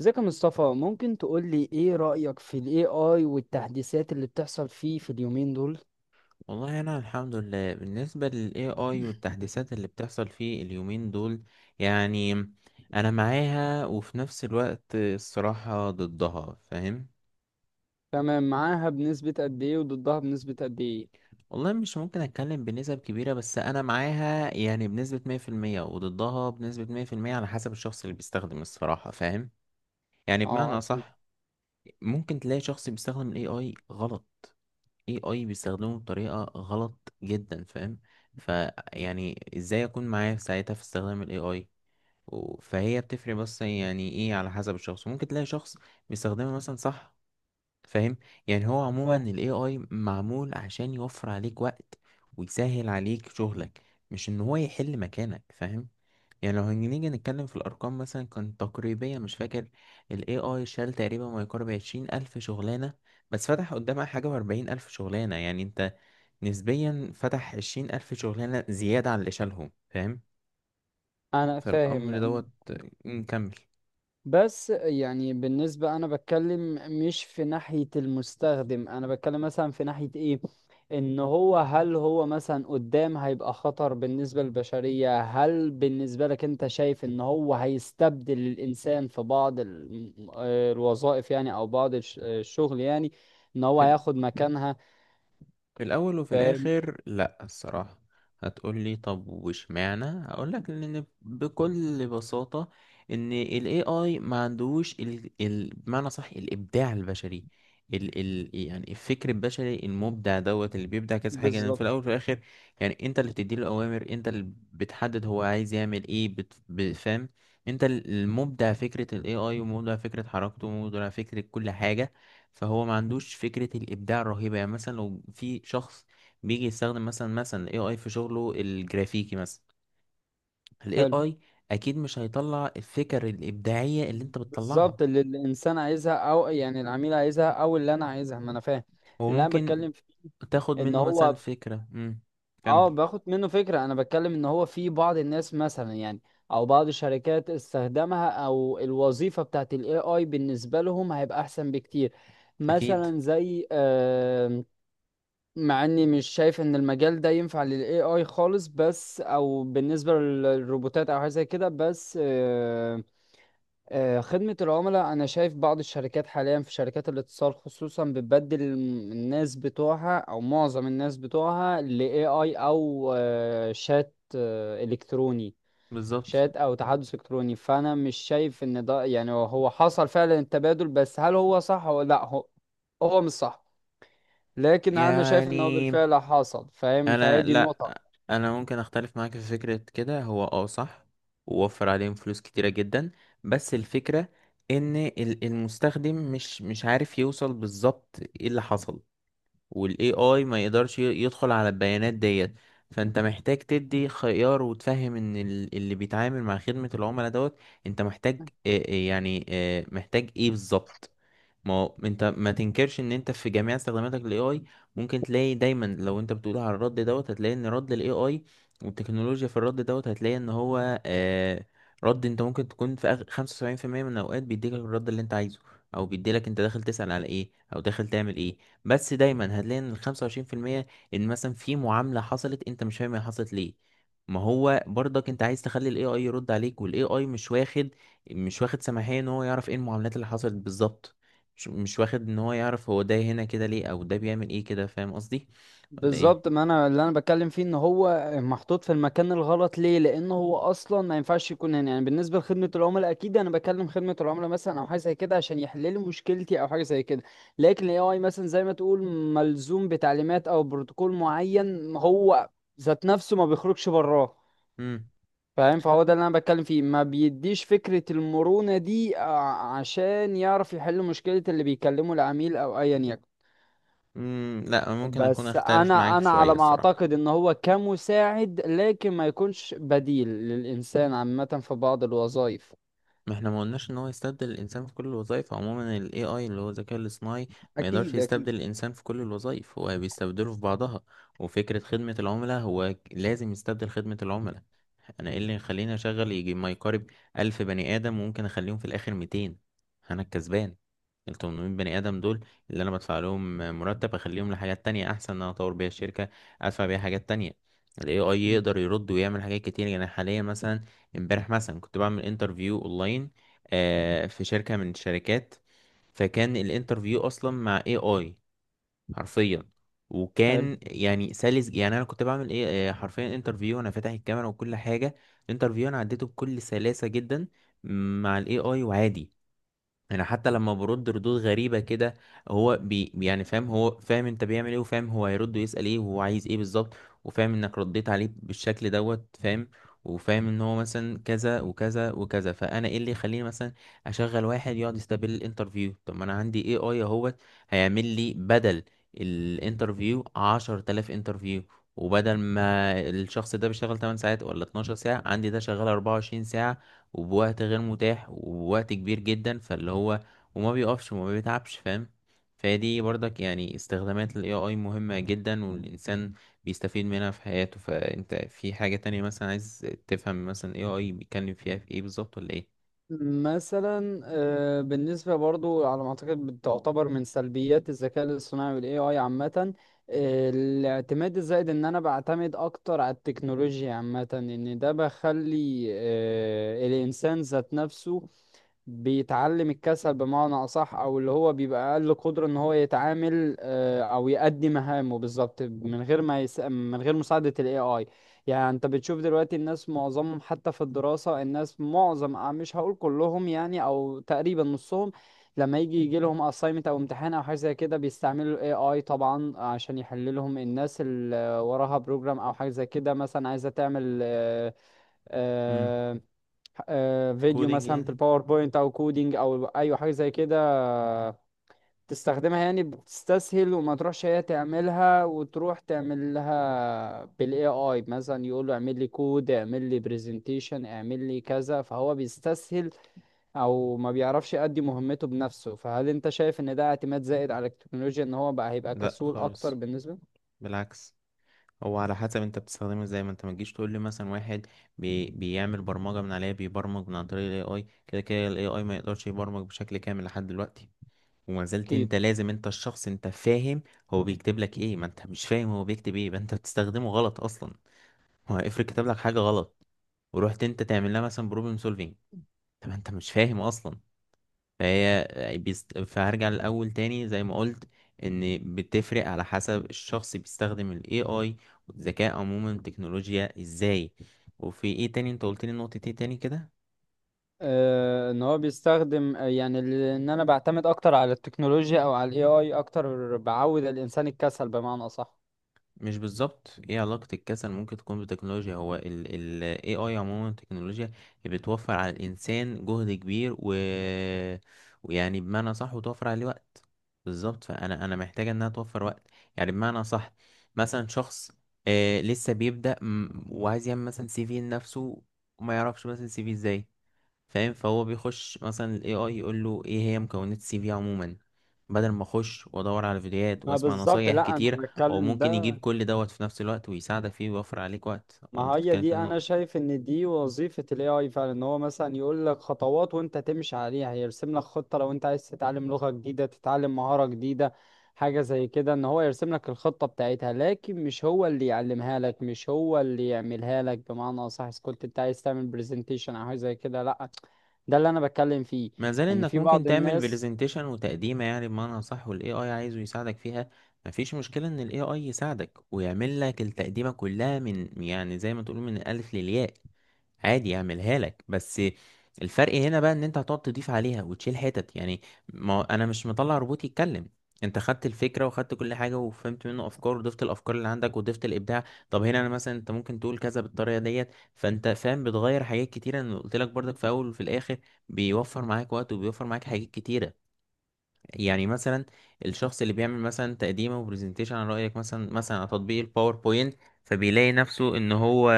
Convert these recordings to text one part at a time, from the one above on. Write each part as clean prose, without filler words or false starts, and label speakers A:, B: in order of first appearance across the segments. A: ازيك يا مصطفى؟ ممكن تقول لي ايه رأيك في ال AI والتحديثات اللي بتحصل فيه في اليومين دول؟
B: والله انا الحمد لله. بالنسبه لل AI والتحديثات اللي بتحصل فيه اليومين دول، يعني انا معاها وفي نفس الوقت الصراحه ضدها، فاهم؟
A: تمام، معاها بنسبة قد ايه وضدها بنسبة قد ايه؟
B: والله مش ممكن اتكلم بنسب كبيره، بس انا معاها يعني بنسبه 100% وضدها بنسبه 100% على حسب الشخص اللي بيستخدم، الصراحه فاهم. يعني
A: اه
B: بمعنى
A: اكيد.
B: اصح، ممكن تلاقي شخص بيستخدم ال AI غلط، AI بيستخدمه بطريقه غلط جدا، فاهم. فيعني ازاي اكون معاه في ساعتها في استخدام ال AI، فهي بتفرق، بس يعني ايه على حسب الشخص، ممكن تلاقي شخص بيستخدمها مثلا صح، فاهم. يعني هو عموما
A: اه
B: ال AI معمول عشان يوفر عليك وقت ويسهل عليك شغلك، مش ان هو يحل مكانك، فاهم. يعني لو هنيجي نتكلم في الارقام مثلا كان تقريبيا مش فاكر، ال AI شال تقريبا ما يقارب 20,000 شغلانة، بس فتح قدامها حاجة و40,000 شغلانة، يعني انت نسبيا فتح 20,000 شغلانة زيادة عن اللي شالهم، فاهم.
A: انا
B: فالامر
A: فاهم.
B: دوت، نكمل.
A: بس يعني بالنسبة أنا بتكلم، مش في ناحية المستخدم، أنا بتكلم مثلا في ناحية إيه، إن هو هل هو مثلا قدام هيبقى خطر بالنسبة للبشرية؟ هل بالنسبة لك أنت شايف إن هو هيستبدل الإنسان في بعض الوظائف يعني، أو بعض الشغل يعني، إن هو
B: في
A: هياخد مكانها؟
B: في الأول وفي
A: فاهم.
B: الآخر، لأ الصراحة. هتقولي طب واشمعنى؟ هقولك إن بكل بساطة إن ال AI ما عندوش ال بمعنى صح الإبداع البشري. ال يعني الفكر البشري المبدع دوت اللي بيبدع كذا حاجة، لأن في
A: بالظبط.
B: الأول وفي الآخر يعني أنت اللي بتديله الأوامر، أنت اللي بتحدد هو عايز يعمل إيه، بفهم. أنت المبدع فكرة ال AI، ومبدع فكرة حركته، ومبدع فكرة كل حاجة. فهو ما عندوش فكرة الإبداع الرهيبة، يعني مثلا لو في شخص بيجي يستخدم مثلا ال AI في شغله الجرافيكي، مثلا ال
A: حلو.
B: AI أكيد مش هيطلع الفكر الإبداعية اللي أنت بتطلعها.
A: بالظبط اللي الإنسان عايزها، أو يعني العميل عايزها، أو اللي أنا عايزها، ما أنا فاهم
B: هو
A: اللي أنا
B: ممكن
A: بتكلم فيه.
B: تاخد
A: ان
B: منه مثلا
A: هو
B: فكرة.
A: اه،
B: كمل.
A: باخد منه فكرة. انا بتكلم ان هو في بعض الناس مثلا يعني، او بعض الشركات استخدمها، او الوظيفة بتاعت الاي اي بالنسبة لهم هيبقى احسن بكتير.
B: أكيد
A: مثلا زي مع اني مش شايف ان المجال ده ينفع للاي اي خالص، بس او بالنسبة للروبوتات او حاجة زي كده. بس خدمة العملاء، أنا شايف بعض الشركات حاليا في شركات الاتصال خصوصا بتبدل الناس بتوعها، أو معظم الناس بتوعها، ل AI أو شات إلكتروني،
B: بالظبط.
A: شات أو تحدث إلكتروني. فأنا مش شايف إن ده يعني، هو حصل فعلا التبادل، بس هل هو صح ولا لأ؟ هو مش صح، لكن أنا شايف إن هو
B: يعني
A: بالفعل حصل، فاهم؟
B: انا
A: فهي دي
B: لا،
A: النقطة.
B: انا ممكن اختلف معاك في فكرة كده. هو صح، ووفر عليهم فلوس كتيرة جدا. بس الفكرة ان المستخدم مش عارف يوصل بالظبط ايه اللي حصل، والاي اي ما يقدرش يدخل على البيانات ديت. فانت محتاج تدي خيار وتفهم ان اللي بيتعامل مع خدمة العملاء دوت، انت محتاج يعني محتاج ايه بالظبط. ما هو انت ما تنكرش ان انت في جميع استخداماتك للاي اي، ممكن تلاقي دايما لو انت بتقول على الرد دوت هتلاقي ان رد الاي اي والتكنولوجيا في الرد دوت هتلاقي ان هو رد، انت ممكن تكون في آخر 75% من الاوقات بيديلك الرد اللي انت عايزه، او بيديلك انت داخل تسأل على ايه او داخل تعمل ايه. بس دايما هتلاقي ان ال25%، ان مثلا في معاملة حصلت انت مش فاهم هي حصلت ليه. ما هو برضك انت عايز تخلي الاي اي يرد عليك، والاي اي مش واخد سماحية ان هو يعرف ايه المعاملات اللي حصلت بالظبط، مش واخد ان هو يعرف هو ده هنا كده ليه، او ده بيعمل ايه كده، فاهم قصدي ولا ايه؟
A: بالظبط، ما انا اللي انا بتكلم فيه ان هو محطوط في المكان الغلط. ليه؟ لان هو اصلا ما ينفعش يكون هنا، يعني بالنسبه لخدمه العملاء اكيد انا بكلم خدمه العملاء مثلا او حاجه زي كده عشان يحللوا مشكلتي او حاجه زي كده. لكن الاي اي، مثلا زي ما تقول، ملزوم بتعليمات او بروتوكول معين، هو ذات نفسه ما بيخرجش براه،
B: امم
A: فاهم؟ فهو ده اللي انا بتكلم فيه، ما بيديش فكره المرونه دي عشان يعرف يحل مشكله اللي بيكلمه العميل او ايا يكن.
B: لا، ممكن اكون
A: بس
B: اختلف
A: انا
B: معاك
A: انا
B: شوية
A: على ما
B: الصراحة.
A: اعتقد ان هو كمساعد، لكن ما يكونش بديل للانسان عامة في بعض الوظائف.
B: ما احنا ما قلناش ان هو يستبدل الانسان في كل الوظائف. عموما ال AI اللي هو الذكاء الاصطناعي ما يقدرش
A: اكيد اكيد.
B: يستبدل الانسان في كل الوظائف، هو بيستبدله في بعضها. وفكرة خدمة العملاء هو لازم يستبدل خدمة العملاء. انا ايه اللي يخليني اشغل يجي ما يقارب 1,000 بني ادم وممكن اخليهم في الاخر 200؟ انا الكسبان، ال 800 بني ادم دول اللي انا بدفع لهم مرتب اخليهم لحاجات تانية احسن، ان انا اطور بيها الشركه، ادفع بيها حاجات تانية. الاي اي
A: مم.
B: يقدر يرد ويعمل حاجات كتير، يعني حاليا مثلا امبارح مثلا كنت بعمل انترفيو اونلاين في شركه من الشركات، فكان الانترفيو اصلا مع اي اي، حرفيا.
A: حلو.
B: وكان يعني سلس، يعني انا كنت بعمل ايه، حرفيا انترفيو، انا فاتح الكاميرا وكل حاجه. الانترفيو انا عديته بكل سلاسه جدا مع الاي اي، وعادي. انا حتى لما برد ردود غريبه كده، هو يعني فاهم، هو فاهم انت بيعمل ايه، وفاهم هو هيرد ويسال ايه، وهو عايز ايه بالظبط، وفاهم انك رديت عليه بالشكل دوت، فاهم. وفاهم ان هو مثلا كذا وكذا وكذا، فانا ايه اللي يخليني مثلا اشغل واحد يقعد يستقبل الانترفيو؟ طب ما انا عندي اي اي اهوت هيعمل لي بدل الانترفيو 10,000 انترفيو. وبدل ما الشخص ده بيشتغل 8 ساعات ولا 12 ساعة، عندي ده شغال 24 ساعة، وبوقت غير متاح، وبوقت كبير جدا، فاللي هو وما بيقفش وما بيتعبش، فاهم. فدي برضك يعني استخدامات ال AI مهمة جدا، والإنسان بيستفيد منها في حياته. فأنت في حاجة تانية مثلا عايز تفهم مثلا AI بيتكلم فيها في ايه بالظبط، ولا ايه؟
A: مثلا بالنسبة برضو على ما أعتقد بتعتبر من سلبيات الذكاء الاصطناعي وال AI عامة، الاعتماد الزائد، إن أنا بعتمد أكتر على التكنولوجيا عامة، إن ده بخلي الإنسان ذات نفسه بيتعلم الكسل بمعنى أصح، أو اللي هو بيبقى أقل قدرة إن هو يتعامل أو يأدي مهامه بالظبط من غير ما من غير مساعدة ال AI. يعني أنت بتشوف دلوقتي الناس معظمهم حتى في الدراسة، الناس معظم مش هقول كلهم يعني، أو تقريبا نصهم، لما يجي لهم assignment أو امتحان أو حاجة زي كده، بيستعملوا ال AI طبعا عشان يحل لهم. الناس اللي وراها بروجرام أو حاجة زي كده مثلا، عايزة تعمل
B: امم
A: آه، فيديو
B: كودينج
A: مثلا في
B: يعني؟
A: الباوربوينت او كودينج او ايوه حاجه زي كده، تستخدمها، يعني بتستسهل وما تروحش هي تعملها، وتروح تعمل لها بالاي اي مثلا، يقول له اعمل لي كود، اعمل لي برزنتيشن، اعمل لي كذا، فهو بيستسهل او ما بيعرفش يأدي مهمته بنفسه. فهل انت شايف ان ده اعتماد زائد على التكنولوجيا، ان هو بقى هيبقى
B: لا
A: كسول اكتر
B: خالص،
A: بالنسبه؟
B: بالعكس. هو على حسب انت بتستخدمه ازاي، ما انت ما تجيش تقول لي مثلا واحد بيعمل برمجة من عليها، بيبرمج من عن طريق ال AI، كده كده ال AI ما يقدرش يبرمج بشكل كامل لحد دلوقتي، وما زلت
A: اكيد.
B: انت لازم، انت الشخص، انت فاهم هو بيكتب لك ايه. ما انت مش فاهم هو بيكتب ايه، يبقى انت بتستخدمه غلط اصلا. هو افرض كتب لك حاجه غلط، ورحت انت تعمل لها مثلا بروبلم سولفينج، طب انت مش فاهم اصلا. فهي فهرجع للاول تاني زي ما قلت، ان بتفرق على حسب الشخص بيستخدم الاي اي والذكاء عموما التكنولوجيا ازاي. وفي ايه تاني انت قلت لي؟ نقطة ايه تاني كده؟
A: ان هو بيستخدم يعني ان انا بعتمد اكتر على التكنولوجيا او على الاي اي اكتر، بعود الانسان الكسل بمعنى اصح.
B: مش بالظبط، ايه علاقة الكسل ممكن تكون بالتكنولوجيا؟ هو ال AI عموما التكنولوجيا بتوفر على الإنسان جهد كبير ويعني بمعنى صح وتوفر عليه وقت. بالظبط، فأنا محتاجة إنها توفر وقت، يعني بمعنى صح. مثلا شخص لسه بيبدأ وعايز يعمل مثلا سي في لنفسه، وما يعرفش مثلا سي في ازاي، فاهم. فهو بيخش مثلا ال AI يقول له ايه هي مكونات السي في عموما، بدل ما اخش وادور على فيديوهات
A: ما
B: واسمع
A: بالظبط.
B: نصايح
A: لا انا
B: كتير. هو
A: بتكلم
B: ممكن
A: ده.
B: يجيب كل دوت في نفس الوقت ويساعدك فيه ويوفر عليك وقت.
A: ما
B: انت
A: هي
B: بتتكلم في
A: دي، انا
B: النقطة.
A: شايف ان دي وظيفة الاي اي فعلا، ان هو مثلا يقول لك خطوات وانت تمشي عليها، يرسم لك خطة لو انت عايز تتعلم لغة جديدة، تتعلم مهارة جديدة حاجة زي كده، ان هو يرسم لك الخطة بتاعتها، لكن مش هو اللي يعلمها لك، مش هو اللي يعملها لك بمعنى اصح، إذا كنت انت عايز تعمل برزنتيشن او حاجة زي كده، لا. ده اللي انا بتكلم فيه،
B: ما زال
A: ان
B: انك
A: في
B: ممكن
A: بعض
B: تعمل
A: الناس.
B: برزنتيشن وتقديمه، يعني بمعنى صح، والاي اي عايزه يساعدك فيها. مفيش مشكله ان الاي اي يساعدك ويعمل لك التقديمه كلها، من يعني زي ما تقول من الالف للياء، عادي يعملها لك. بس الفرق هنا بقى ان انت هتقعد تضيف عليها وتشيل حتت، يعني ما انا مش مطلع روبوت يتكلم. انت خدت الفكره، وخدت كل حاجه، وفهمت منه افكار، وضفت الافكار اللي عندك، وضفت الابداع. طب هنا انا مثلا، انت ممكن تقول كذا بالطريقه ديت، فانت فاهم بتغير حاجات كتيره. انا قلت لك برضك، في اول وفي الاخر بيوفر معاك وقت وبيوفر معاك حاجات كتيرة. يعني مثلا الشخص اللي بيعمل مثلا تقديمه وبرزنتيشن عن رأيك، مثلا على تطبيق الباوربوينت، فبيلاقي نفسه ان هو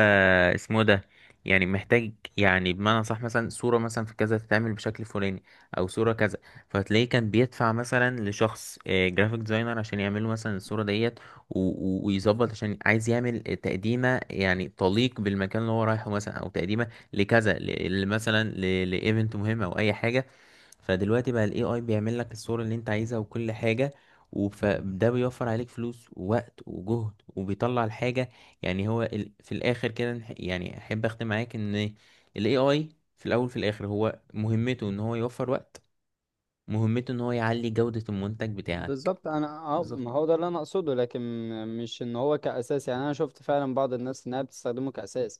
B: اسمه إيه ده، يعني محتاج يعني بمعنى صح مثلا صورة مثلا في كذا تتعمل بشكل فلاني، او صورة كذا. فتلاقيه كان بيدفع مثلا لشخص جرافيك ديزاينر عشان يعمل له مثلا الصورة ديت، و- ويظبط عشان عايز يعمل تقديمة يعني تليق بالمكان اللي هو رايحه، مثلا او تقديمة لكذا مثلا لايفنت مهم، او اي حاجة. فدلوقتي بقى الاي اي بيعمل لك الصورة اللي انت عايزها وكل حاجة، وده بيوفر عليك فلوس ووقت وجهد وبيطلع الحاجة. يعني هو في الاخر كده يعني احب اختم معاك ان الاي اي في الاول في الاخر هو مهمته ان هو يوفر وقت، مهمته ان هو يعلي جودة المنتج بتاعك.
A: بالظبط. انا اه،
B: بالظبط.
A: ما هو ده اللي انا اقصده، لكن مش ان هو كاساس، يعني انا شفت فعلا بعض الناس انها بتستخدمه كاساس،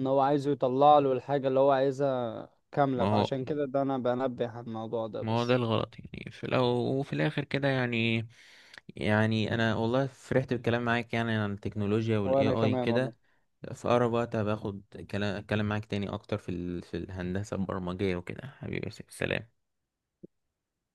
A: ان هو عايزه يطلع له الحاجه اللي هو عايزها
B: ما
A: كامله،
B: هو
A: فعشان كده ده انا بنبه على الموضوع ده
B: ما هو ده
A: بس.
B: الغلط، يعني في الأول وفي الآخر كده، يعني. يعني أنا والله فرحت بالكلام معاك، يعني عن التكنولوجيا وال
A: وانا
B: AI
A: كمان والله.
B: كده. في أقرب وقت هباخد كلام أتكلم معاك تاني أكتر في في الهندسة البرمجية وكده. حبيبي يا يوسف، سلام.